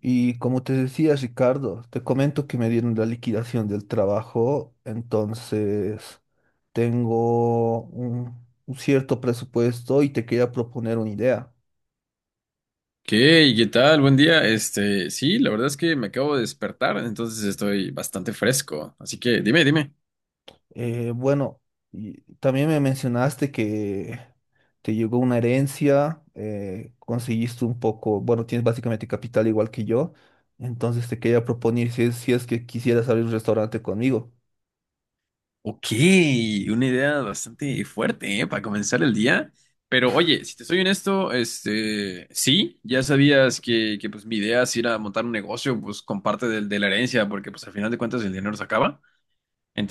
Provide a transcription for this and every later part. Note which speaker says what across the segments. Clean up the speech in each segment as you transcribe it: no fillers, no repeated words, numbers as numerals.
Speaker 1: Y como te decía, Ricardo, te comento que me dieron la liquidación del trabajo, entonces tengo un cierto presupuesto y te quería proponer una idea.
Speaker 2: ¿Qué? ¿Qué tal? Buen día. Sí, la verdad es que me acabo de despertar, entonces estoy bastante fresco. Así que dime, dime.
Speaker 1: Eh, bueno, y también me mencionaste que te llegó una herencia, conseguiste un poco, bueno, tienes básicamente capital igual que yo, entonces te quería proponer si es que quisieras abrir un restaurante conmigo.
Speaker 2: Ok, una idea bastante fuerte, ¿eh? Para comenzar el día. Pero oye, si te soy honesto, sí, ya sabías que pues mi idea es ir a montar un negocio, pues con parte de la herencia, porque pues al final de cuentas el dinero se acaba.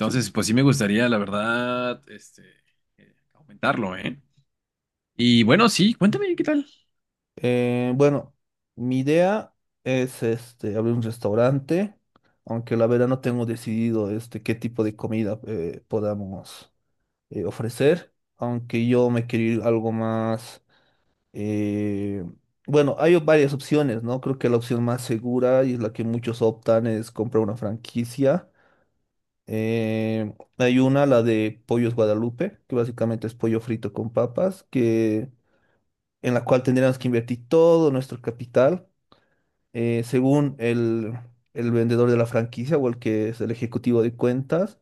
Speaker 1: Sí.
Speaker 2: pues sí me gustaría, la verdad, aumentarlo, ¿eh? Y bueno, sí, cuéntame, ¿qué tal?
Speaker 1: Eh, bueno, Mi idea es abrir un restaurante, aunque la verdad no tengo decidido qué tipo de comida podamos ofrecer, aunque yo me quiero ir algo más. eh, bueno, hay varias opciones, ¿no? Creo que la opción más segura y es la que muchos optan es comprar una franquicia. Hay una, la de Pollos Guadalupe, que básicamente es pollo frito con papas en la cual tendríamos que invertir todo nuestro capital, según el vendedor de la franquicia o el que es el ejecutivo de cuentas.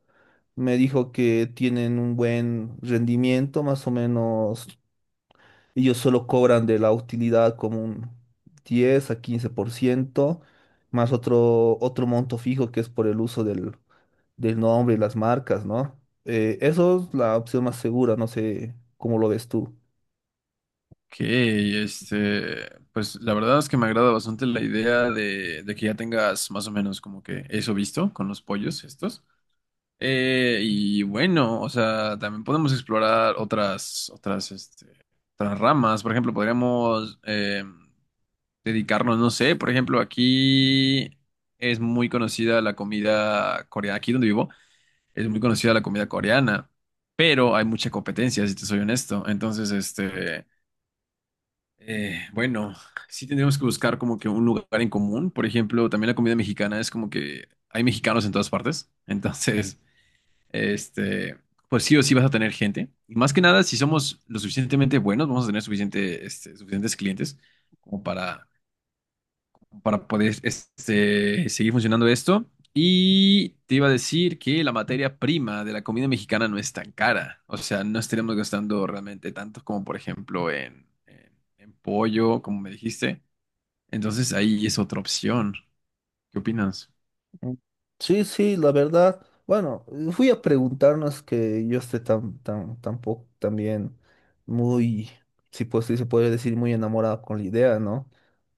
Speaker 1: Me dijo que tienen un buen rendimiento, más o menos ellos solo cobran de la utilidad como un 10% a 15%, más otro monto fijo que es por el uso del nombre y las marcas, ¿no? Eso es la opción más segura, no sé cómo lo ves tú.
Speaker 2: Ok, pues la verdad es que me agrada bastante la idea de que ya tengas más o menos como que eso visto con los pollos estos. Y bueno, o sea, también podemos explorar otras ramas. Por ejemplo, podríamos dedicarnos, no sé, por ejemplo, aquí es muy conocida la comida coreana, aquí donde vivo, es muy conocida la comida coreana, pero hay mucha competencia, si te soy honesto. Bueno, sí tendríamos que buscar como que un lugar en común. Por ejemplo, también la comida mexicana es como que hay mexicanos en todas partes. Entonces, este, pues sí o sí vas a tener gente. Y más que nada, si somos lo suficientemente buenos, vamos a tener suficientes clientes como para poder seguir funcionando esto. Y te iba a decir que la materia prima de la comida mexicana no es tan cara. O sea, no estaríamos gastando realmente tanto como, por ejemplo, en pollo, como me dijiste. Entonces ahí es otra opción. ¿Qué opinas?
Speaker 1: Mm. Sí, sí, la verdad. Bueno, fui a preguntarnos que yo esté tan, tampoco también muy, si pues sí se puede decir, muy enamorado con la idea, ¿no?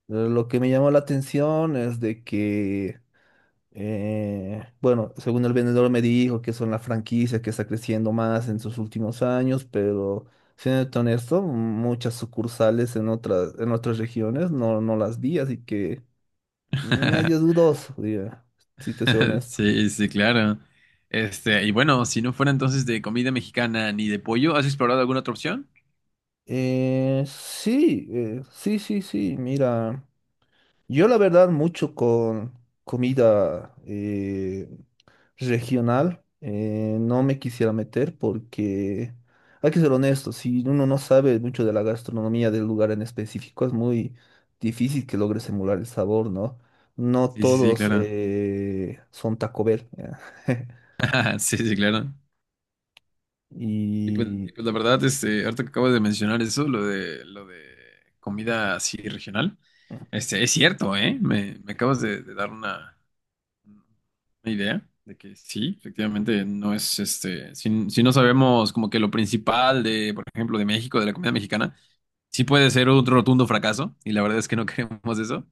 Speaker 1: Lo que me llamó la atención es de que, bueno, según el vendedor me dijo que son la franquicia que está creciendo más en sus últimos años, pero siendo honesto, muchas sucursales en otras regiones no las vi, así que medio dudoso, diría, si te soy honesto.
Speaker 2: Sí, sí, claro. Y bueno, si no fuera entonces de comida mexicana ni de pollo, ¿has explorado alguna otra opción?
Speaker 1: Sí, sí, sí, sí, mira, yo la verdad mucho con comida regional no me quisiera meter, porque hay que ser honesto, si uno no sabe mucho de la gastronomía del lugar en específico es muy difícil que logres emular el sabor, ¿no? No
Speaker 2: Sí, sí, sí,
Speaker 1: todos
Speaker 2: claro.
Speaker 1: son Taco Bell.
Speaker 2: Sí, sí, claro.
Speaker 1: Y
Speaker 2: Y pues la verdad, ahorita que acabas de mencionar eso, lo de comida así regional, es cierto, ¿eh? Me acabas de dar una idea de que sí, efectivamente, no es, si no sabemos como que lo principal de, por ejemplo, de México, de la comida mexicana, sí puede ser un rotundo fracaso, y la verdad es que no queremos eso.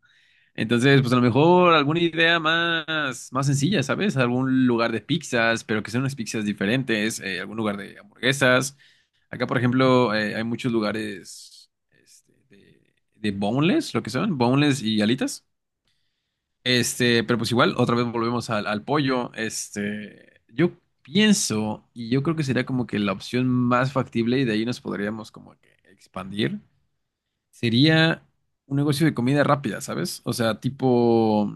Speaker 2: Entonces, pues a lo mejor alguna idea más sencilla, ¿sabes? Algún lugar de pizzas, pero que sean unas pizzas diferentes, algún lugar de hamburguesas. Acá, por ejemplo, hay muchos lugares de boneless, lo que son, boneless y alitas. Pero pues igual, otra vez volvemos al pollo. Yo pienso, y yo creo que sería como que la opción más factible, y de ahí nos podríamos como que expandir, sería un negocio de comida rápida, ¿sabes? O sea, tipo,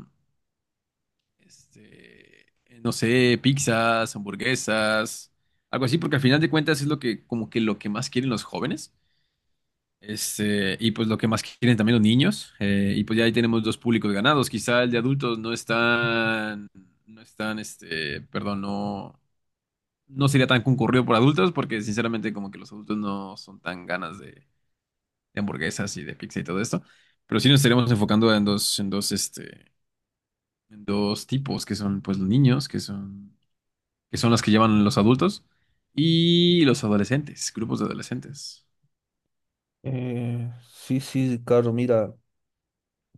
Speaker 2: este, no sé, pizzas, hamburguesas, algo así, porque al final de cuentas es lo que, como que lo que más quieren los jóvenes. Y pues lo que más quieren también los niños, y pues ya ahí tenemos dos públicos ganados. Quizá el de adultos no es tan, perdón, no sería tan concurrido por adultos, porque sinceramente como que los adultos no son tan ganas de hamburguesas y de pizza y todo esto. Pero sí nos estaremos enfocando en dos tipos, que son pues los niños, que son las que llevan los adultos, y los adolescentes, grupos de adolescentes.
Speaker 1: eh, sí, sí, Ricardo, mira.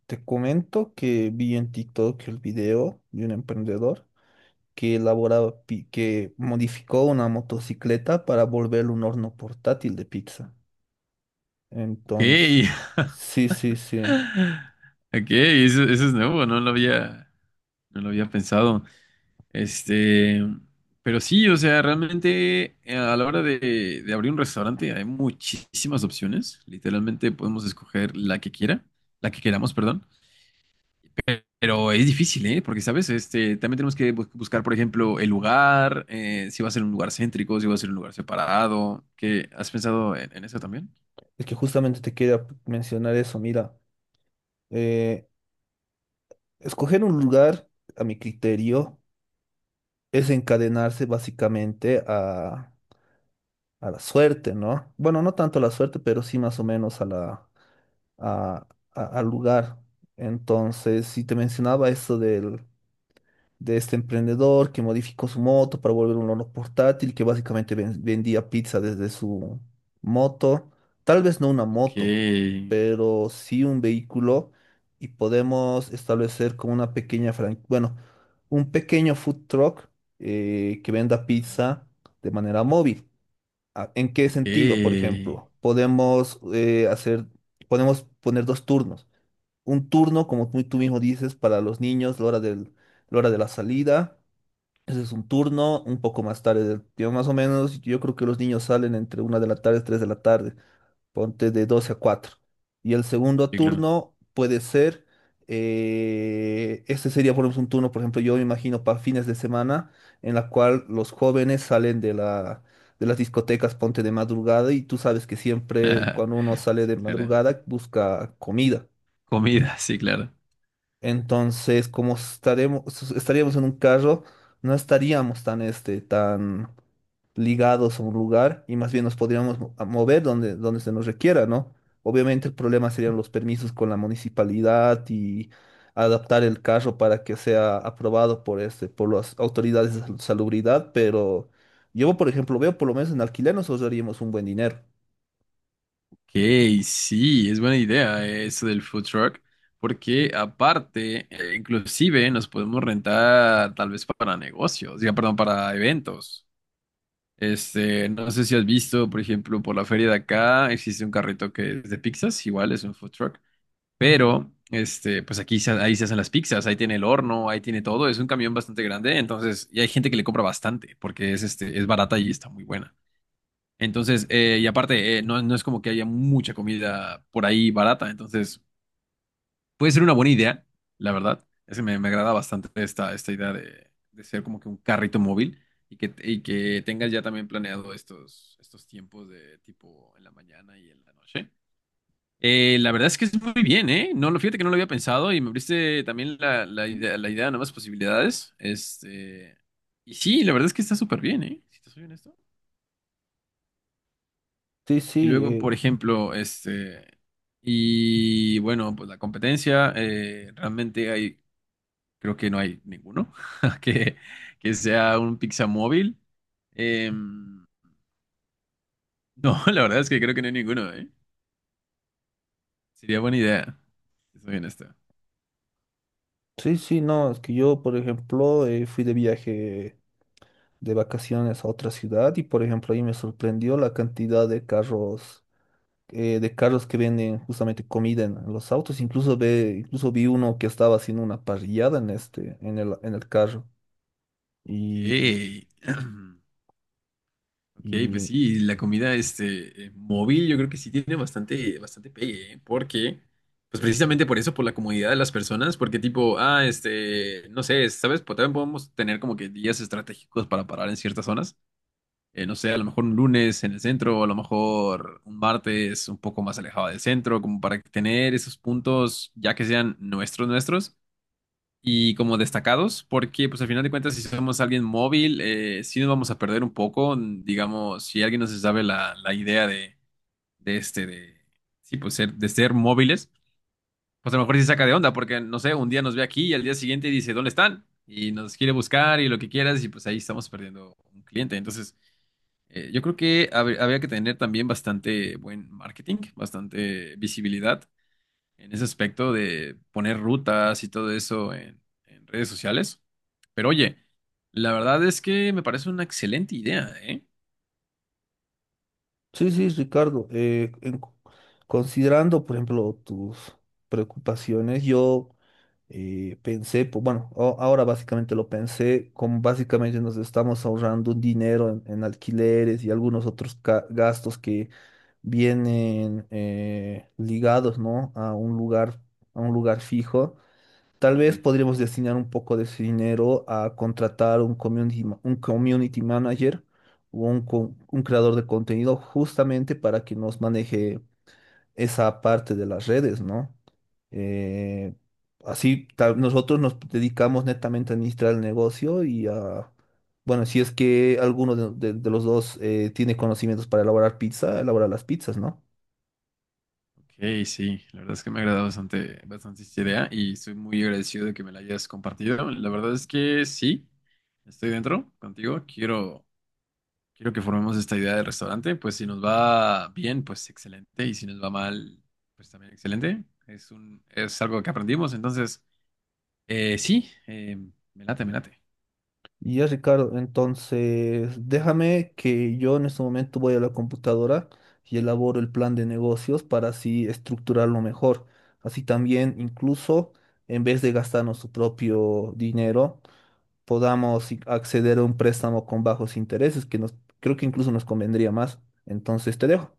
Speaker 1: Te comento que vi en TikTok el video de un emprendedor que elaboraba, que modificó una motocicleta para volverlo un horno portátil de pizza.
Speaker 2: Ok.
Speaker 1: Entonces, sí, sí, sí.
Speaker 2: Ok, eso es nuevo, no lo había pensado. Este, pero sí, o sea, realmente a la hora de abrir un restaurante hay muchísimas opciones. Literalmente podemos escoger la que queramos, perdón. Pero es difícil, ¿eh? Porque, ¿sabes? También tenemos que buscar, por ejemplo, el lugar, si va a ser un lugar céntrico, si va a ser un lugar separado. ¿Qué? ¿Has pensado en eso también?
Speaker 1: Es que justamente te quería mencionar eso. Mira, eh, escoger un lugar, a mi criterio, es encadenarse básicamente a la suerte, ¿no? Bueno, no tanto a la suerte, pero sí más o menos a la a- al lugar. Entonces, si te mencionaba eso de este emprendedor que modificó su moto para volver un horno portátil, que básicamente vendía pizza desde su moto, tal vez no una
Speaker 2: Ok.
Speaker 1: moto, pero sí un vehículo, y podemos establecer como una pequeña franquicia, bueno, un pequeño food truck que venda
Speaker 2: Ajá.
Speaker 1: pizza de manera móvil. Ah, ¿en qué
Speaker 2: Ok.
Speaker 1: sentido, por
Speaker 2: Sí,
Speaker 1: ejemplo? Podemos hacer, podemos poner dos turnos, un turno, como tú mismo dices, para los niños, la hora de la salida. Ese es un turno, un poco más tarde. Yo más o menos, yo creo que los niños salen entre 1 de la tarde, 3 de la tarde, ponte de 12 a 4. Y el segundo
Speaker 2: claro.
Speaker 1: turno puede ser, este sería, por ejemplo, un turno, por ejemplo, yo me imagino para fines de semana, en la cual los jóvenes salen de las discotecas, ponte de madrugada, y tú sabes que siempre cuando uno sale
Speaker 2: Sí,
Speaker 1: de
Speaker 2: claro.
Speaker 1: madrugada busca comida.
Speaker 2: Comida, sí, claro.
Speaker 1: Entonces, como estaremos, estaríamos en un carro, no estaríamos tan, tan ligados a un lugar, y más bien nos podríamos a mover donde, se nos requiera, ¿no? Obviamente el problema serían los permisos con la municipalidad y adaptar el carro para que sea aprobado por, por las autoridades de salubridad. Pero yo, por ejemplo, veo por lo menos en alquiler nos ahorraríamos un buen dinero.
Speaker 2: Ok, sí, es buena idea eso del food truck, porque aparte, inclusive nos podemos rentar tal vez para negocios, ya, perdón, para eventos. No sé si has visto, por ejemplo, por la feria de acá existe un carrito que es de pizzas, igual es un food truck, pero pues ahí se hacen las pizzas, ahí tiene el horno, ahí tiene todo, es un camión bastante grande, entonces, y hay gente que le compra bastante porque es es barata y está muy buena. Entonces, y aparte, no es como que haya mucha comida por ahí barata, entonces puede ser una buena idea, la verdad. Es que me agrada bastante esta idea de ser como que un carrito móvil y que tengas ya también planeado estos tiempos de tipo en la mañana y en la noche. La verdad es que es muy bien, ¿eh? No, lo fíjate que no lo había pensado y me abriste también la idea de nuevas posibilidades. Y sí, la verdad es que está súper bien, ¿eh? Si te soy honesto.
Speaker 1: Sí,
Speaker 2: Y
Speaker 1: sí,
Speaker 2: luego, por ejemplo, y bueno, pues la competencia, realmente hay, creo que no hay ninguno que, que sea un pizza móvil. Em, no, la verdad es que creo que no hay ninguno, ¿eh? Sería buena idea, si soy honesto.
Speaker 1: sí, sí, no, es que yo, por ejemplo, fui de viaje, de vacaciones a otra ciudad, y, por ejemplo, ahí me sorprendió la cantidad de carros que venden justamente comida en, los autos. Incluso, incluso vi uno que estaba haciendo una parrillada en en el carro.
Speaker 2: Ok.
Speaker 1: Y,
Speaker 2: Ok, pues
Speaker 1: y
Speaker 2: sí, la comida móvil yo creo que sí tiene bastante, bastante pegue, ¿eh? Porque, pues precisamente por eso, por la comodidad de las personas, porque tipo, ah, no sé, ¿sabes? Pues también podemos tener como que días estratégicos para parar en ciertas zonas. No sé, a lo mejor un lunes en el centro, a lo mejor un martes un poco más alejado del centro, como para tener esos puntos, ya que sean nuestros y como destacados, porque pues al final de cuentas si somos alguien móvil, sí nos vamos a perder un poco, mm, digamos, si alguien no se sabe la idea de este, de, sí, pues ser, de ser móviles, pues a lo mejor sí saca de onda, porque no sé, un día nos ve aquí y al día siguiente dice, ¿dónde están? Y nos quiere buscar y lo que quieras y pues ahí estamos perdiendo un cliente. Entonces, yo creo que habría que tener también bastante buen marketing, bastante visibilidad en ese aspecto de poner rutas y todo eso en redes sociales. Pero oye, la verdad es que me parece una excelente idea, ¿eh?
Speaker 1: sí, sí, Ricardo, considerando, por ejemplo, tus preocupaciones, yo. Pensé, pues, bueno, ahora básicamente lo pensé, como básicamente nos estamos ahorrando un dinero en, alquileres y algunos otros gastos que vienen ligados, ¿no? A un lugar, fijo. Tal
Speaker 2: Sí,
Speaker 1: vez podríamos
Speaker 2: seguro.
Speaker 1: destinar un poco de ese dinero a contratar un un community manager, o un creador de contenido, justamente para que nos maneje esa parte de las redes, ¿no? Eh, Así nosotros nos dedicamos netamente a administrar el negocio y a, bueno, si es que alguno de los dos tiene conocimientos para elaborar pizza, elaborar las pizzas, ¿no?
Speaker 2: Ok, sí, la verdad es que me ha agradado bastante, bastante esta idea y estoy muy agradecido de que me la hayas compartido. La verdad es que sí, estoy dentro contigo. Quiero, quiero que formemos esta idea de restaurante. Pues si nos va bien, pues excelente. Y si nos va mal, pues también excelente. Es un, es algo que aprendimos. Entonces... sí, me late, me late.
Speaker 1: Y ya, Ricardo, entonces déjame que yo en este momento voy a la computadora y elaboro el plan de negocios para así estructurarlo mejor. Así también, incluso, en vez de gastarnos su propio dinero, podamos acceder a un préstamo con bajos intereses, que nos, creo que incluso nos convendría más. Entonces te dejo.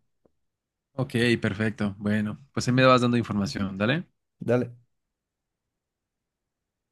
Speaker 2: Ok, perfecto. Bueno, pues ahí me vas dando información, dale.
Speaker 1: Dale.